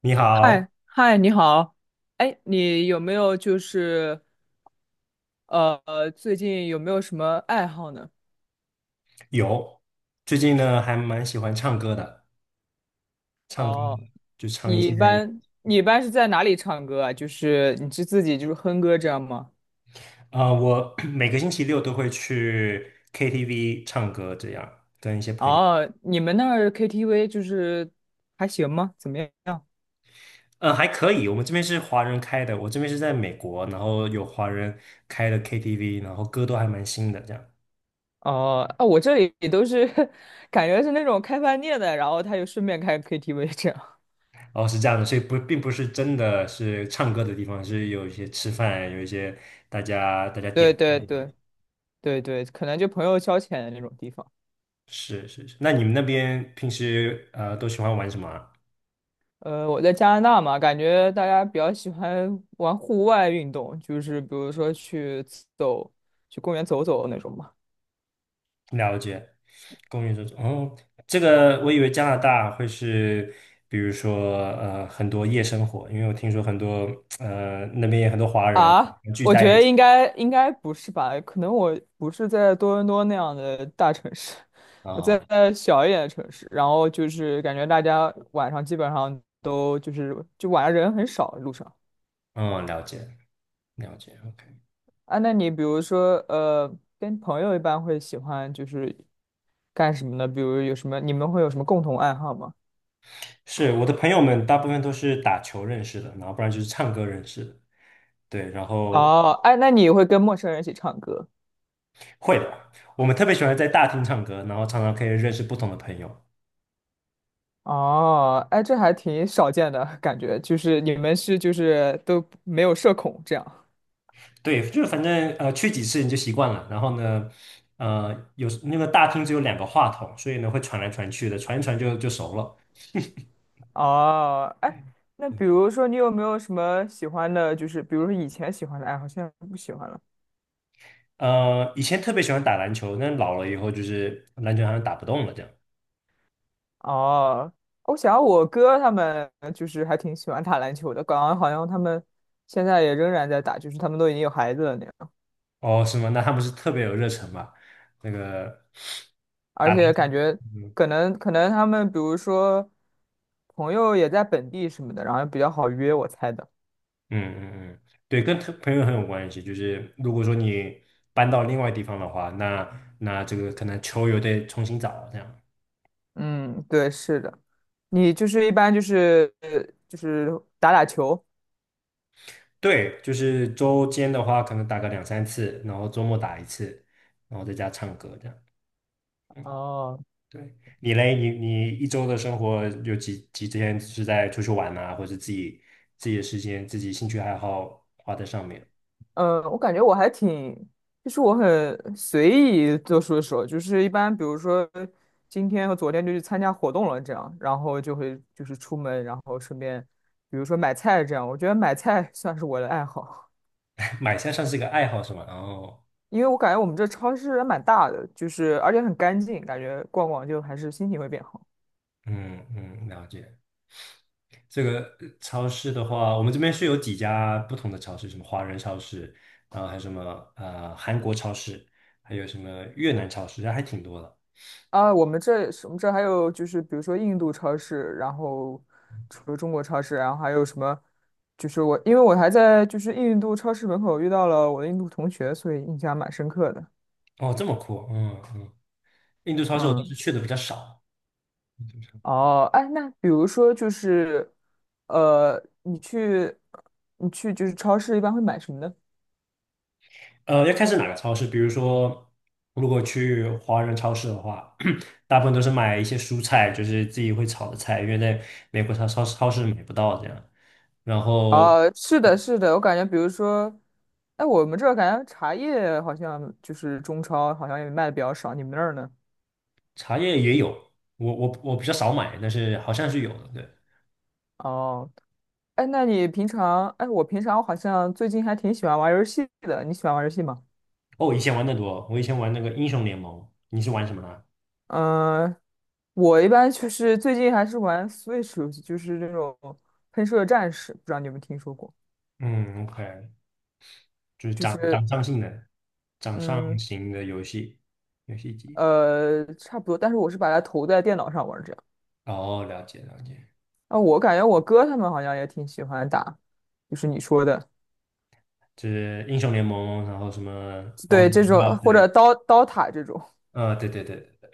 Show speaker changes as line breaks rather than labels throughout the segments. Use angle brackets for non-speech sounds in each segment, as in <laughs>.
你好。
嗨嗨，你好。哎，你有没有最近有没有什么爱好呢？
有。最近呢还蛮喜欢唱歌的。唱歌
哦，
就唱一
你一
些。
般你一般是在哪里唱歌啊？就是你是自己就是哼歌这样吗？
我 <clears throat> 每个星期六都会去 KTV 唱歌，这样跟一些朋友。
哦，你们那儿 KTV 就是还行吗？怎么样？
还可以。我们这边是华人开的，我这边是在美国，然后有华人开的 KTV，然后歌都还蛮新的，这样。
哦，啊，我这里都是 <laughs> 感觉是那种开饭店的，然后他就顺便开 KTV 这样。
哦，是这样的，所以不是真的是唱歌的地方，是有一些吃饭，有一些大家
<laughs>
点
对对
菜。
对对对，可能就朋友消遣的那种地方。
是是是，那你们那边平时都喜欢玩什么啊？
呃，我在加拿大嘛，感觉大家比较喜欢玩户外运动，就是比如说去走，去公园走走那种嘛。
了解。公寓这种，哦，这个我以为加拿大会是，比如说很多夜生活，因为我听说很多那边也很多华人
啊，
聚
我觉
在一
得
起。
应该不是吧？可能我不是在多伦多那样的大城市，
啊
<laughs> 我在
哦。
小一点的城市。然后就是感觉大家晚上基本上都就是就晚上人很少路上。
嗯，了解，OK。
啊，那你比如说跟朋友一般会喜欢就是干什么呢？比如有什么你们会有什么共同爱好吗？
是我的朋友们大部分都是打球认识的，然后不然就是唱歌认识的。对，然后
哦，哎，那你会跟陌生人一起唱歌？
会的，我们特别喜欢在大厅唱歌，然后常常可以认识不同的朋友。
哦，哎，这还挺少见的感觉，就是你们是就是都没有社恐这样。
对，就是反正去几次你就习惯了。然后呢，有那个大厅只有两个话筒，所以呢会传来传去的，传一传就熟了。
哦，哎，那
对。
比如说你有没有什么喜欢的，就是比如说以前喜欢的爱好，现在不喜欢了？
以前特别喜欢打篮球，但老了以后就是篮球好像打不动了这样。
哦，我想我哥他们就是还挺喜欢打篮球的，感觉好像他们现在也仍然在打，就是他们都已经有孩子了那样。
哦，是吗？那他不是特别有热忱吧？那个
而
打篮
且
球。
感觉
嗯
可能他们比如说朋友也在本地什么的，然后比较好约，我猜的。
嗯嗯。对，跟特朋友很有关系。就是如果说你搬到另外地方的话，那这个可能球又得重新找这样。
嗯，对，是的。你就是一般就是打打球。
对，就是周间的话，可能打个两三次，然后周末打一次，然后在家唱歌这样。
哦，
对，你嘞，你一周的生活有几天是在出去玩呐，或者自己的时间、自己兴趣爱好花在上面？
嗯，我感觉我还挺，就是我很随意做出的时候，就是一般比如说今天和昨天就去参加活动了这样，然后就会出门，然后顺便比如说买菜这样，我觉得买菜 <laughs> 算是我的爱好。
<laughs> 买菜算是一个爱好是吗？然后，
因为我感觉我们这超市还蛮大的，就是而且很干净，感觉逛逛就还是心情会变好
嗯嗯，了解。这个超市的话，我们这边是有几家不同的超市，什么华人超市，然后还有什么韩国超市，还有什么越南超市，还挺多的。
啊。我们这还有就是比如说印度超市，然后除了中国超市，然后还有什么？就是我因为我还在就是印度超市门口遇到了我的印度同学，所以印象蛮深刻的。
哦，这么酷，嗯嗯。印度超市我倒
嗯，
是去的比较少。
哦，哎，那比如说就是呃，你去你去就是超市一般会买什么呢？
要看是哪个超市。比如说，如果去华人超市的话，<clears throat> 大部分都是买一些蔬菜，就是自己会炒的菜，因为在美国超市买不到这样。然后
啊，是的，是的，我感觉，比如说，哎，我们这儿感觉茶叶好像就是中超好像也卖的比较少，你们那儿呢？
茶叶也有，我比较少买，但是好像是有的。对。
哦，哎，那你平常，哎，我平常好像最近还挺喜欢玩游戏的，你喜欢玩游戏吗？
哦，我以前玩的多，我以前玩那个英雄联盟，你是玩什么呢？
嗯、我一般就是最近还是玩 Switch 游戏，就是那种喷射战士，不知道你有没有听说过？
嗯，OK,就是
就是
掌上
嗯
型的游戏机。
差不多，但是我是把它投在电脑上玩儿这样。
哦，了解。
啊，我感觉我哥他们好像也挺喜欢打，就是你说的。
就是英雄联盟，然后什么王
对
者
这
荣
种
耀之
或
类
者
的。
刀刀塔这种，
对。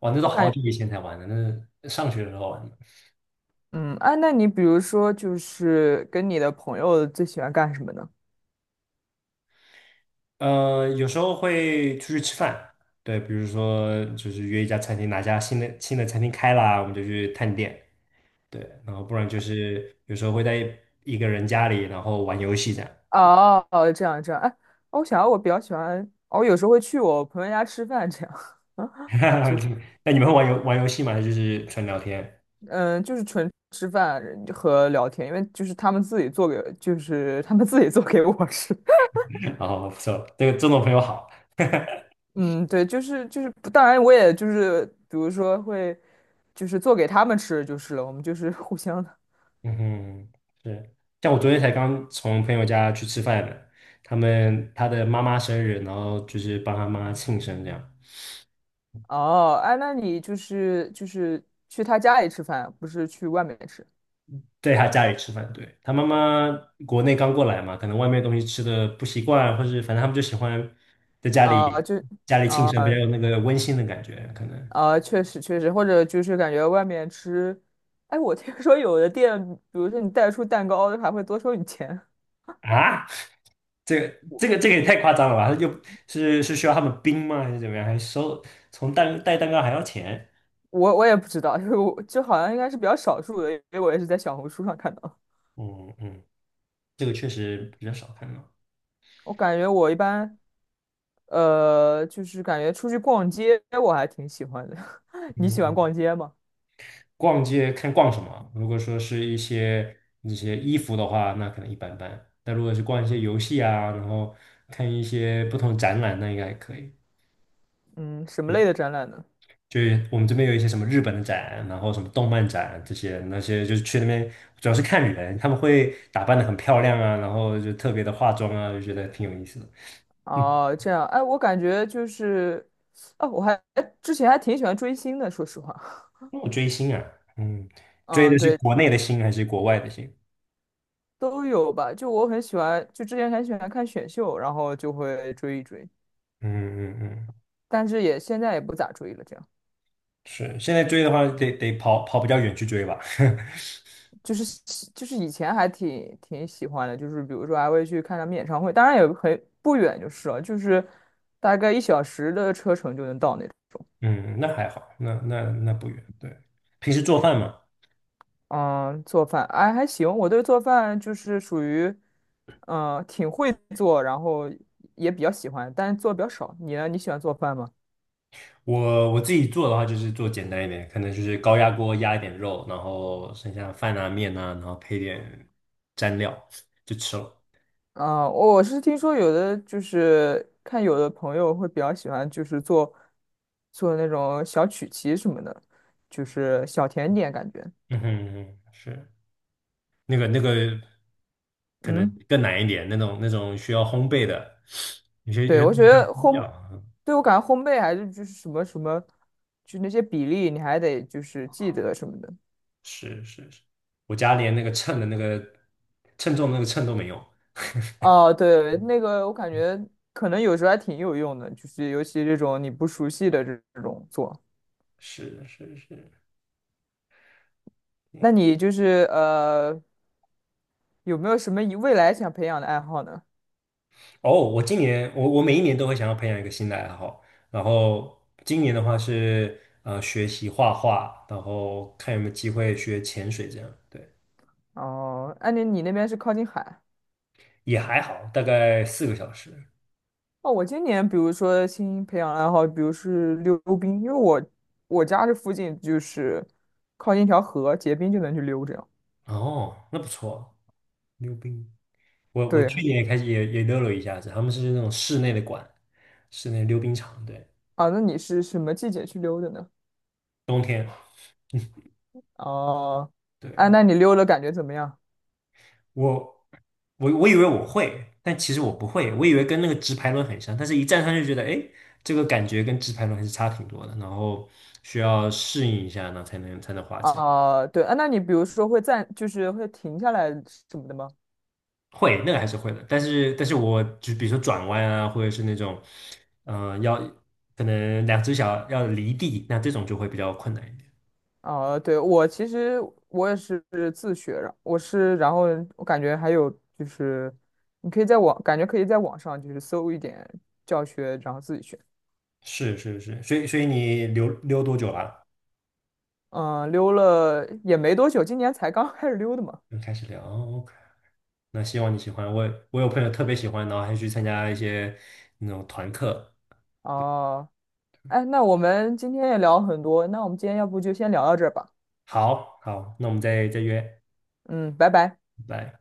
哇，那都
我感
好
觉
久以前才玩的，那是上学的时候玩的。
嗯，哎，那你比如说就是跟你的朋友最喜欢干什么呢？
有时候会出去吃饭。对，比如说就是约一家餐厅，哪家新的餐厅开啦，我们就去探店。对，然后不然就是有时候会在一个人家里，然后玩游戏这样。
哦，哦这样这样，哎，哦我想我比较喜欢，我有时候会去我朋友家吃饭这样，<laughs>
<laughs> 就那你们会玩游戏吗？还是就是纯聊天？
嗯，就是纯吃饭和聊天，因为就是他们自己做给我吃。
<laughs> 然后不错，这个这种朋友好。<laughs>
嗯，对，就是，当然我也就是，比如说会，就是做给他们吃就是了，我们就是互相的。
嗯哼，是。像我昨天才刚从朋友家去吃饭的，他们他的妈妈生日，然后就是帮他妈庆生这样，
哦，哎，那你就是去他家里吃饭，不是去外面吃
在他家里吃饭。对，他妈妈国内刚过来嘛，可能外面东西吃的不习惯，或是反正他们就喜欢在家
啊？
里
就
家里庆生，比较有那个温馨的感觉，可能。
啊，确实确实，或者就是感觉外面吃，哎，我听说有的店，比如说你带出蛋糕，还会多收你钱。
啊，这个也太夸张了吧？他就是是需要他们冰吗？还是怎么样？还收带蛋糕还要钱？
我也不知道，就是我就好像应该是比较少数的，因为我也是在小红书上看到。
嗯嗯，这个确实比较少看到。
我感觉我一般就是感觉出去逛街，我还挺喜欢的。<laughs> 你
嗯
喜欢
嗯。
逛街吗？
逛街看逛什么。如果说是一些那些衣服的话，那可能一般般。但如果是逛一些游戏啊，然后看一些不同展览，那应该还可以。
嗯，什么
对，
类的展览呢？
就是我们这边有一些什么日本的展，然后什么动漫展这些，那些就是去那边主要是看人，他们会打扮的很漂亮啊，然后就特别的化妆啊，就觉得挺有意思的。嗯，
哦，这样，哎，我感觉就是，啊，之前还挺喜欢追星的，说实话。
那我追星啊。嗯，
<laughs>
追
嗯，
的是
对，
国内的星还是国外的星？
都有吧。就我很喜欢，就之前很喜欢看选秀，然后就会追一追，
嗯嗯嗯，
但是也现在也不咋追了。这样，
是，现在追的话得跑比较远去追吧。<laughs>
就是喜就是以前还挺挺喜欢的，就是比如说还会去看他们演唱会，当然也很不远就是了，就是大概一小时的车程就能到那。
嗯，那还好，那不远。对，平时做饭嘛。
嗯，做饭，哎，还行。我对做饭就是属于，嗯，挺会做，然后也比较喜欢，但是做的比较少。你呢？你喜欢做饭吗？
我自己做的话就是做简单一点，可能就是高压锅压一点肉，然后剩下饭啊面啊，然后配点蘸料就吃了。
啊，我是听说有的就是看有的朋友会比较喜欢，就是做那种小曲奇什么的，就是小甜点感觉。
嗯哼嗯哼，是那个那个可能
嗯，
更难一点，那种需要烘焙的，有些有
对，
些
我
东
觉
西要
得
烘料
烘，
啊。
对我感觉烘焙还是就是什么什么，就那些比例你还得就是记得什么的。
是是是，我家连那个秤的那个称重的那个秤都没有。
哦，对，那个我感觉可能有时候还挺有用的，就是尤其这种你不熟悉的这种做。
是是是。
那你就是有没有什么以未来想培养的爱好呢？
哦，我今年我每一年都会想要培养一个新的爱好，然后今年的话是学习画画，然后看有没有机会学潜水这样。对，
哦，安妮，你那边是靠近海。
也还好，大概四个小时。
哦，我今年比如说新培养爱好，比如是溜冰，因为我家这附近就是靠近一条河，结冰就能去溜这样。
哦，那不错，溜冰。我
对，
去年也开始也溜了一下子，他们是那种室内的馆，室内溜冰场。对，
啊，那你是什么季节去溜的呢？
冬天。
哦，哎，
对。
那你溜的感觉怎么样？
我我以为我会，但其实我不会。我以为跟那个直排轮很像，但是一站上去觉得，哎，这个感觉跟直排轮还是差挺多的。然后需要适应一下呢，然后才能滑起来。
啊，对啊，那你比如说会暂，就是会停下来什么的吗？
会，那个还是会的。但是我就比如说转弯啊，或者是那种，嗯，要可能两只脚要离地，那这种就会比较困难一点。
啊，对，我其实我也是自学的，我是，然后我感觉还有就是，你可以在网，感觉可以在网上就是搜一点教学，然后自己学。
是是是，所以你溜溜多久了？
嗯、溜了也没多久，今年才刚 <laughs> 开始溜的嘛。
就开始聊哦，OK。那希望你喜欢。我有朋友特别喜欢，然后还去参加一些那种团课。
哦、哎，那我们今天也聊很多，那我们今天要不就先聊到这儿吧。
好好，那我们再约。
嗯，拜拜。
拜拜。